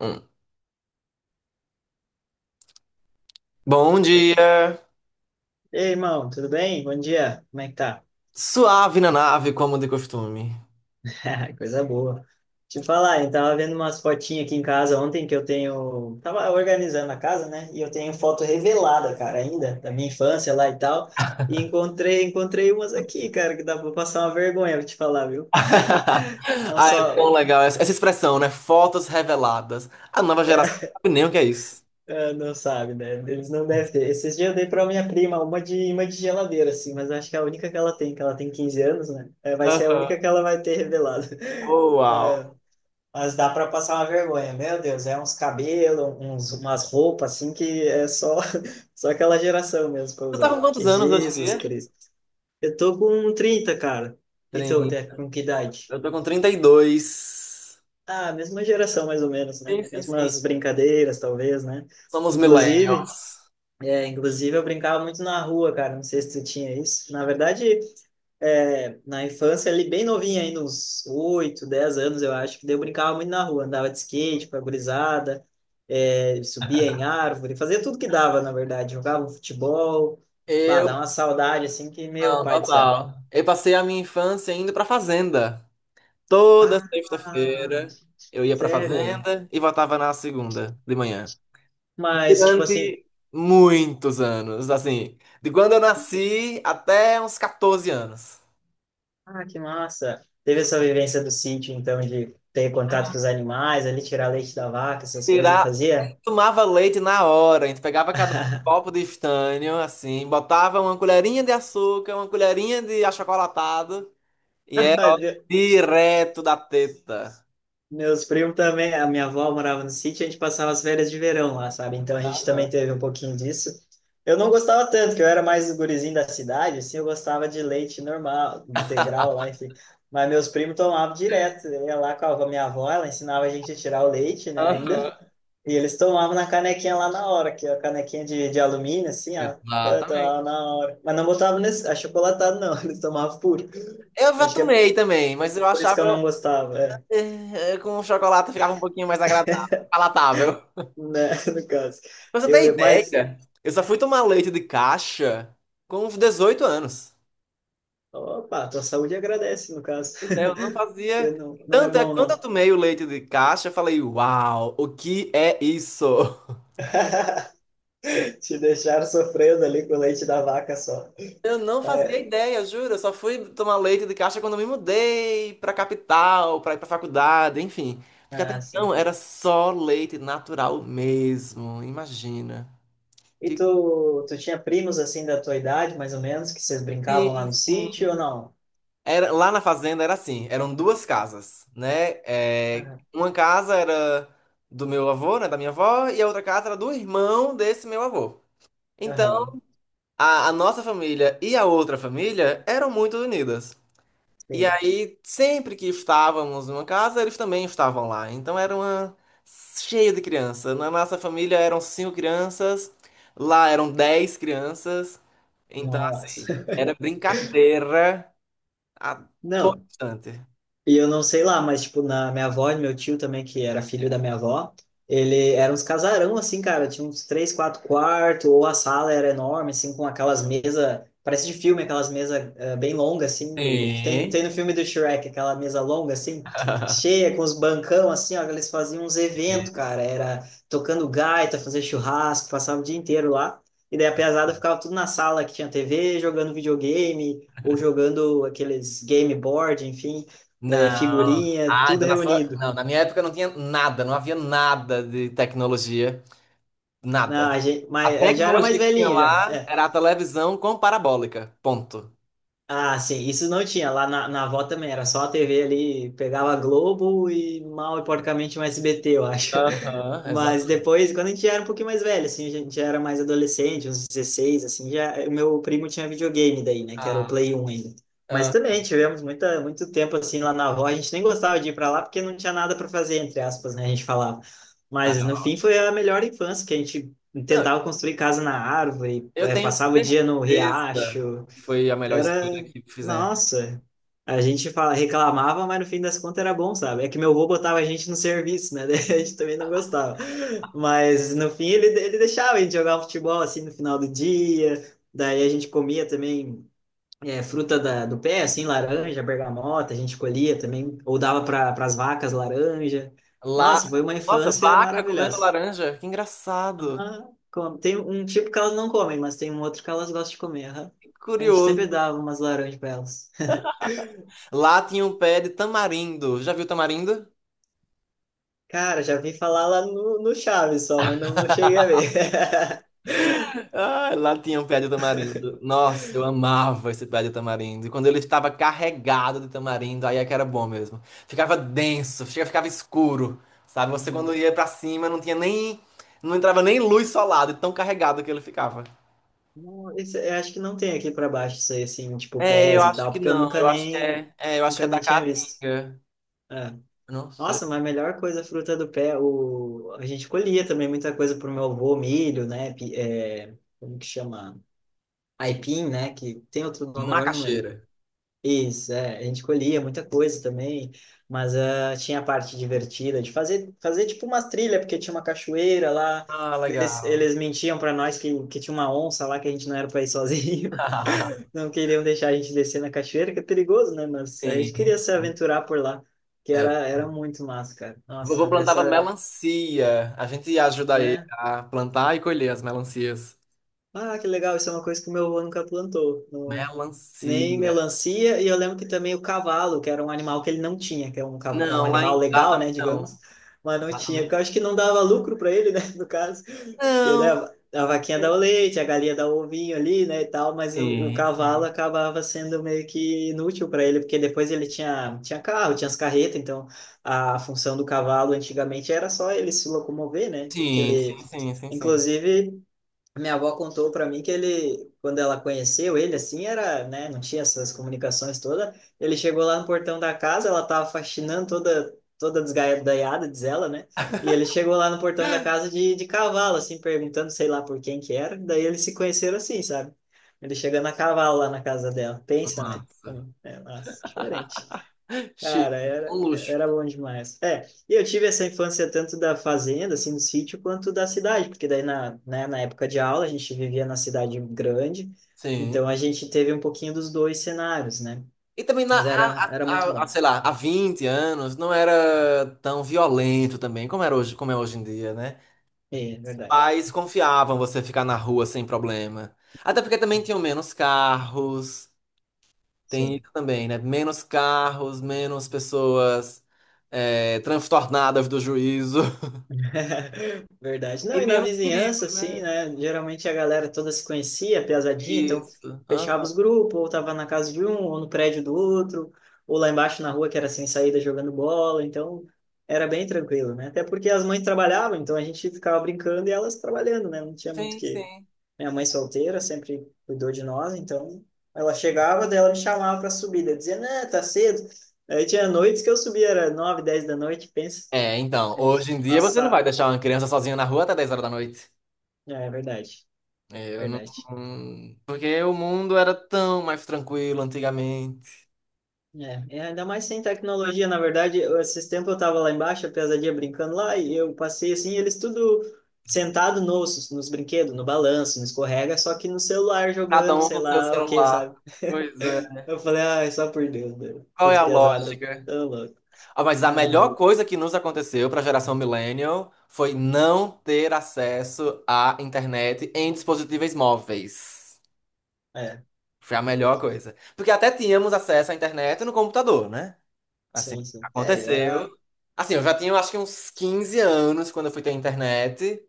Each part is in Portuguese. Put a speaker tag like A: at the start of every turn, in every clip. A: Hum. Bom dia,
B: Ei, aí, irmão, tudo bem? Bom dia, como é que tá?
A: suave na nave, como de costume.
B: Coisa boa. Te falar, eu tava vendo umas fotinhas aqui em casa ontem que eu tenho. Tava organizando a casa, né? E eu tenho foto revelada, cara, ainda, da minha infância lá e tal. E encontrei umas aqui, cara, que dá pra passar uma vergonha, vou te falar, viu? Não
A: Ah, é tão
B: só.
A: legal essa expressão, né? Fotos reveladas. A nova
B: É.
A: geração não sabe nem o que é isso.
B: Ah, não sabe, né? Eles não devem ter. Esses dias eu dei para minha prima uma de geladeira, assim, mas acho que é a única que ela tem 15 anos, né? É, vai ser a
A: Aham.
B: única que ela vai ter revelado.
A: Oh, uau.
B: Mas dá para passar uma vergonha, meu Deus, é uns cabelos, uns, umas roupas assim que é só, só aquela geração mesmo para
A: Tu tá com
B: usar.
A: quantos
B: Que
A: anos hoje em
B: Jesus
A: dia?
B: Cristo. Eu tô com trinta, cara. E tu, até
A: 30.
B: com que idade?
A: Eu tô com 32.
B: Ah, mesma geração mais ou menos, né?
A: Sim, sim, sim.
B: Mesmas brincadeiras, talvez, né?
A: Somos
B: Inclusive,
A: millennials.
B: inclusive, eu brincava muito na rua, cara. Não sei se tu tinha isso. Na verdade, na infância, ali bem novinha, ainda uns 8 10 anos, eu acho, que daí eu brincava muito na rua, andava de skate com a gurizada, subia em árvore, fazia tudo que dava, na verdade, jogava um futebol, bah,
A: Eu,
B: dá uma saudade, assim, que, meu
A: não,
B: pai do céu.
A: total. Eu passei a minha infância indo pra fazenda. Toda
B: Ah,
A: sexta-feira eu ia pra
B: sério?
A: fazenda e voltava na segunda de manhã.
B: Mas, tipo assim,
A: Durante muitos anos, assim, de quando eu nasci até uns 14 anos.
B: ah, que massa. Teve essa vivência do sítio, então, de ter contato com os animais, ali tirar leite da vaca, essas coisas,
A: Tirar,
B: fazia?
A: tomava leite na hora, a gente pegava cada um um copo de estanho, assim, botava uma colherinha de açúcar, uma colherinha de achocolatado, e era ó, direto da teta.
B: Meus primos também, a minha avó morava no sítio, a gente passava as férias de verão lá, sabe? Então a gente
A: Aham.
B: também teve um pouquinho disso. Eu não gostava tanto, que eu era mais o gurizinho da cidade, assim, eu gostava de leite normal, integral lá, enfim. Mas meus primos tomavam direto, eu ia lá com a minha avó, ela ensinava a gente a tirar o leite, né,
A: Aham.
B: ainda. E eles tomavam na canequinha lá na hora, que é a canequinha de alumínio, assim, ó. Eu tomava
A: Exatamente.
B: na hora. Mas não botavam nesse achocolatado, não, eles tomavam puro.
A: Eu já
B: Acho que é
A: tomei também, mas eu
B: por isso que eu
A: achava
B: não gostava. É.
A: com o chocolate ficava um pouquinho mais agradável, palatável.
B: Né, no caso.
A: Pra você ter
B: Eu, mas,
A: ideia, eu só fui tomar leite de caixa com uns 18 anos.
B: opa, tua saúde agradece, no caso.
A: Pois é, eu não
B: Porque
A: fazia.
B: não, não é
A: Tanto é
B: bom,
A: quando eu
B: não.
A: tomei o leite de caixa, eu falei, uau, o que é isso?
B: Te deixaram sofrendo ali com o leite da vaca só.
A: Eu não fazia
B: É,
A: ideia, juro. Eu só fui tomar leite de caixa quando eu me mudei pra capital, pra ir pra faculdade, enfim. Porque até
B: ah, sim.
A: então era só leite natural mesmo, imagina.
B: E
A: Que...
B: tu, tu tinha primos assim da tua idade, mais ou menos, que vocês brincavam lá
A: Sim,
B: no
A: sim.
B: sítio ou não?
A: Era, lá na fazenda era assim, eram duas casas, né? É,
B: Aham,
A: uma casa era do meu avô, né, da minha avó, e a outra casa era do irmão desse meu avô. Então,
B: aham,
A: a nossa família e a outra família eram muito unidas. E
B: sim.
A: aí, sempre que estávamos numa casa, eles também estavam lá. Então, era uma cheia de criança. Na nossa família eram cinco crianças, lá eram dez crianças. Então, assim,
B: Nossa.
A: era brincadeira a todo
B: Não,
A: instante.
B: e eu não sei lá, mas, tipo, na minha avó e meu tio também, que era filho da minha avó, ele era uns casarão, assim, cara, tinha uns três, quatro quartos, ou a sala era enorme, assim, com aquelas mesas, parece de filme, aquelas mesas bem longas, assim, do, que tem,
A: Sim.
B: tem no filme do Shrek, aquela mesa longa, assim, cheia, com os bancão, assim, ó, que eles faziam uns
A: É.
B: eventos, cara, era tocando gaita, fazer churrasco, passava o dia inteiro lá, e daí a pesada ficava tudo na sala, que tinha TV, jogando videogame, ou jogando aqueles game board, enfim, é,
A: Não.
B: figurinha,
A: Ah,
B: tudo
A: então na sua...
B: reunido.
A: Não, na minha época não tinha nada, não havia nada de tecnologia,
B: Não,
A: nada.
B: a gente,
A: A
B: mas é, já era mais
A: tecnologia que tinha
B: velhinho, já.
A: lá
B: É.
A: era a televisão com parabólica, ponto.
B: Ah, sim, isso não tinha. Lá na avó também era só a TV ali, pegava Globo e mal e porcamente um SBT, eu acho.
A: Aham,
B: Mas
A: exatamente.
B: depois, quando a gente era um pouquinho mais velho, assim, a gente já era mais adolescente, uns 16, assim, já o meu primo tinha videogame daí, né, que era o
A: Ah,
B: Play 1 ainda. Mas
A: ah,
B: também tivemos muito tempo assim lá na avó, a gente nem gostava de ir para lá porque não tinha nada para fazer, entre aspas, né, a gente falava. Mas no
A: ah.
B: fim foi a melhor infância, que a gente
A: Não,
B: tentava construir casa na árvore,
A: eu tenho
B: passava o dia no
A: certeza
B: riacho,
A: que foi a melhor
B: era,
A: escolha que fizemos.
B: nossa, a gente fala, reclamava, mas no fim das contas era bom, sabe? É que meu avô botava a gente no serviço, né? Daí a gente também não gostava. Mas no fim ele deixava a gente jogar futebol assim no final do dia. Daí a gente comia também fruta da, do pé, assim, laranja, bergamota, a gente colhia também, ou dava para as vacas laranja.
A: Lá,
B: Nossa, foi uma
A: nossa,
B: infância
A: vaca comendo
B: maravilhosa.
A: laranja, que engraçado,
B: Aham, come. Tem um tipo que elas não comem, mas tem um outro que elas gostam de comer. Aham.
A: que
B: A gente sempre
A: curioso.
B: dava umas laranjas para elas.
A: Lá tinha um pé de tamarindo, já viu tamarindo?
B: Cara, já vi falar lá no Chaves só, mas não, não cheguei a ver.
A: Ah, lá tinha um pé de tamarindo. Nossa, eu amava esse pé de tamarindo. E quando ele estava carregado de tamarindo, aí é que era bom mesmo. Ficava denso, ficava escuro, sabe? Você
B: Hum.
A: quando ia pra cima não tinha nem, não entrava nem luz solar, de tão carregado que ele ficava.
B: Não, esse- eu acho que não tem aqui para baixo isso aí, assim, tipo
A: É, eu
B: pés e
A: acho
B: tal,
A: que
B: porque eu
A: não.
B: nunca
A: Eu acho que
B: nem,
A: eu acho que
B: nunca
A: é da
B: nem tinha visto.
A: Caatinga.
B: É.
A: Eu não sei.
B: Nossa, mas a melhor coisa, a fruta do pé, o... a gente colhia também muita coisa pro meu avô, milho, né? Como que chama? Aipim, né? Que tem outro nome agora, eu não lembro.
A: Macaxeira.
B: Isso, é, a gente colhia muita coisa também, mas ah, tinha a parte divertida de fazer tipo umas trilhas, porque tinha uma cachoeira lá,
A: Ah,
B: eles,
A: legal.
B: eles mentiam para nós que, tinha uma onça lá, que a gente não era para ir sozinho, não queriam deixar a gente descer na cachoeira, que é perigoso, né? Mas a gente
A: Sim.
B: queria se aventurar por lá, que
A: É.
B: era muito massa, cara.
A: Vovô
B: Nossa,
A: plantava
B: essa,
A: melancia. A gente ia ajudar ele
B: né?
A: a plantar e colher as melancias.
B: Ah, que legal, isso é uma coisa que o meu avô nunca plantou, nem
A: Melancia.
B: melancia, e eu lembro que também o cavalo, que era um animal que ele não tinha, que é um
A: Não, lá,
B: animal
A: em, lá
B: legal, né,
A: também não.
B: digamos, mas não
A: Lá
B: tinha,
A: também não.
B: porque eu acho que não dava lucro para ele, né, no caso, porque, né,
A: Não.
B: a vaquinha dá o leite, a galinha dá o ovinho ali, né, e tal, mas o
A: Sim,
B: cavalo
A: sim.
B: acabava sendo meio que inútil para ele, porque depois ele tinha, tinha carro, tinha as carretas, então a função do cavalo antigamente era só ele se locomover, né, que
A: Sim,
B: ele,
A: sim, sim, sim, sim.
B: inclusive. Minha avó contou para mim que ele, quando ela conheceu ele, assim, era, né, não tinha essas comunicações toda. Ele chegou lá no portão da casa, ela tava faxinando toda, toda desgaiada, diz ela, né? E ele chegou lá no portão da casa de cavalo, assim, perguntando, sei lá por quem que era. Daí eles se conheceram assim, sabe? Ele chegando a cavalo lá na casa dela. Pensa, né?
A: Massa.
B: É, nossa, diferente.
A: Chique.
B: Cara, era,
A: Um luxo.
B: era bom demais. É, e eu tive essa infância tanto da fazenda, assim, do sítio, quanto da cidade, porque daí na, né, na época de aula a gente vivia na cidade grande,
A: Sim.
B: então a gente teve um pouquinho dos dois cenários, né?
A: E também na,
B: Mas era, era muito
A: a-
B: bom.
A: sei lá, há 20 anos não era tão violento também, como é hoje em dia, né?
B: É, é verdade.
A: Pais confiavam você ficar na rua sem problema. Até porque também tinham menos carros. Tem
B: Sim.
A: isso também, né? Menos carros, menos pessoas transtornadas do juízo.
B: Verdade.
A: E
B: Não, e na
A: menos perigo,
B: vizinhança,
A: né?
B: assim, né? Geralmente a galera toda se conhecia, piazadinha, então
A: Isso.
B: fechava
A: Aham.
B: os grupos, ou tava na casa de um, ou no prédio do outro, ou lá embaixo na rua que era sem saída jogando bola, então era bem tranquilo, né? Até porque as mães trabalhavam, então a gente ficava brincando e elas trabalhando, né? Não tinha muito o
A: Sim,
B: que.
A: sim.
B: Minha mãe solteira sempre cuidou de nós, então ela chegava, daí ela me chamava pra subida, dizia, né, tá cedo. Aí tinha noites que eu subia, era 9, 10 da noite, pensa.
A: É, então,
B: A gente
A: hoje em dia você não vai
B: passava,
A: deixar uma criança sozinha na rua até 10 horas da noite.
B: é verdade,
A: Eu não...
B: verdade.
A: Porque o mundo era tão mais tranquilo antigamente.
B: É, é, ainda mais sem tecnologia, na verdade, eu- esses tempos eu tava lá embaixo, a pesadinha brincando lá, e eu passei assim, eles tudo sentado nos brinquedos, no balanço, no escorrega, só que no celular
A: Cada
B: jogando,
A: um
B: sei
A: com seu
B: lá o que,
A: celular.
B: sabe?
A: Pois é.
B: Eu falei, ai, só por Deus, meu,
A: Qual é
B: essas
A: a
B: pesadas
A: lógica?
B: tão loucas.
A: Ah, mas a
B: Não,
A: melhor
B: não,
A: coisa que nos aconteceu para a geração millennial foi não ter acesso à internet em dispositivos móveis.
B: é,
A: Foi a melhor coisa. Porque até tínhamos acesso à internet no computador, né? Assim,
B: sim, sim. É, e era,
A: aconteceu. Assim, eu já tinha, eu acho que uns 15 anos quando eu fui ter internet,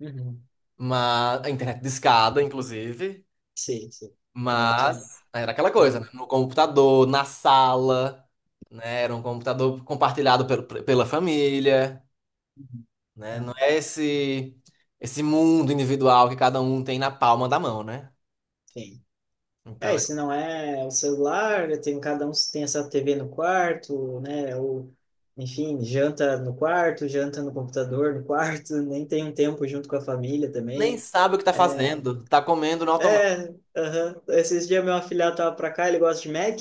B: uhum.
A: mas a internet discada, inclusive,
B: Sim, sim, aquela que tinha...
A: mas era aquela coisa, né?
B: Uhum.
A: No computador, na sala, né? Era um computador compartilhado pela família. Né? Não
B: Não,
A: é esse mundo individual que cada um tem na palma da mão, né?
B: sim.
A: Então,
B: É, se não é o celular, tem, cada um tem essa TV no quarto, né? Ou, enfim, janta no quarto, janta no computador no quarto, nem tem um tempo junto com a família
A: nem
B: também.
A: sabe o que tá
B: É,
A: fazendo, tá comendo no automático.
B: é, aham. Esses dias meu afilhado tava pra cá, ele gosta de Mac,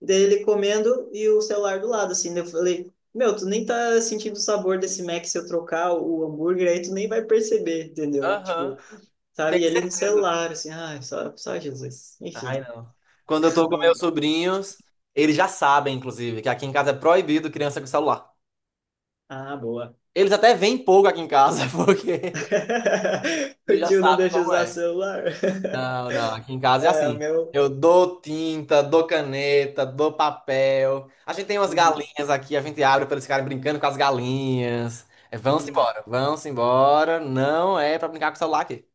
B: daí ele comendo e o celular do lado, assim, daí eu falei, meu, tu nem tá sentindo o sabor desse Mac se eu trocar o hambúrguer aí, tu nem vai perceber, entendeu?
A: Aham,
B: Tipo, sabe,
A: tenho
B: e ele no
A: certeza.
B: celular, assim, ai, só, só Jesus. Enfim,
A: Ai, não. Quando eu tô com meus
B: não...
A: sobrinhos, eles já sabem, inclusive, que aqui em casa é proibido criança com celular.
B: Ah, boa.
A: Eles até vêm pouco aqui em casa, porque
B: O
A: eles já
B: tio não
A: sabem
B: deixa
A: como
B: usar
A: é.
B: celular.
A: Não, não, aqui em casa é
B: É, o
A: assim.
B: meu.
A: Eu dou tinta, dou caneta, dou papel. A gente tem umas
B: Uhum,
A: galinhas aqui, a gente abre para eles ficarem brincando com as galinhas. É, vão-se
B: uhum.
A: embora, vão-se embora. Não é para brincar com o celular aqui.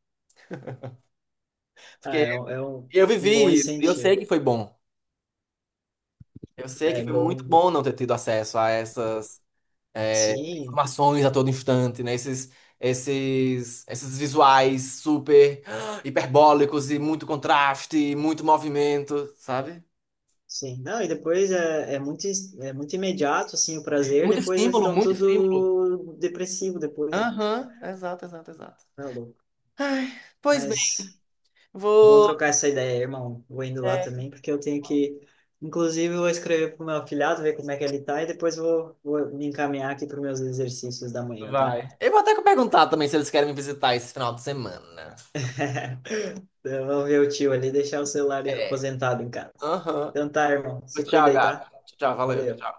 B: Ah,
A: Porque
B: é, um, é um,
A: eu
B: um bom
A: vivi isso, eu sei
B: incentivo.
A: que foi bom. Eu sei que
B: É
A: foi muito
B: bom.
A: bom não ter tido acesso a essas
B: Sim,
A: informações a todo instante, né? Esses visuais super hiperbólicos e muito contraste, muito movimento, sabe?
B: sim. Não, e depois é muito, é muito imediato, assim, o prazer. Depois eles estão
A: Muito estímulo.
B: tudo depressivo depois. Né?
A: Aham, exato, exato, exato.
B: Tá louco.
A: Ai, pois bem,
B: Mas bom
A: vou.
B: trocar essa ideia, irmão. Vou indo lá
A: é,
B: também, porque eu tenho que. Inclusive, eu vou escrever pro meu afilhado, ver como é que ele tá, e depois vou me encaminhar aqui para meus exercícios da manhã, tá?
A: Vai. Eu vou até perguntar também se eles querem me visitar esse final de semana.
B: Então, vamos ver o tio ali deixar o celular
A: É.
B: aposentado em casa.
A: Aham.
B: Então tá, irmão. Se cuida
A: Tchau,
B: aí,
A: Gabi.
B: tá?
A: Tchau, valeu.
B: Valeu.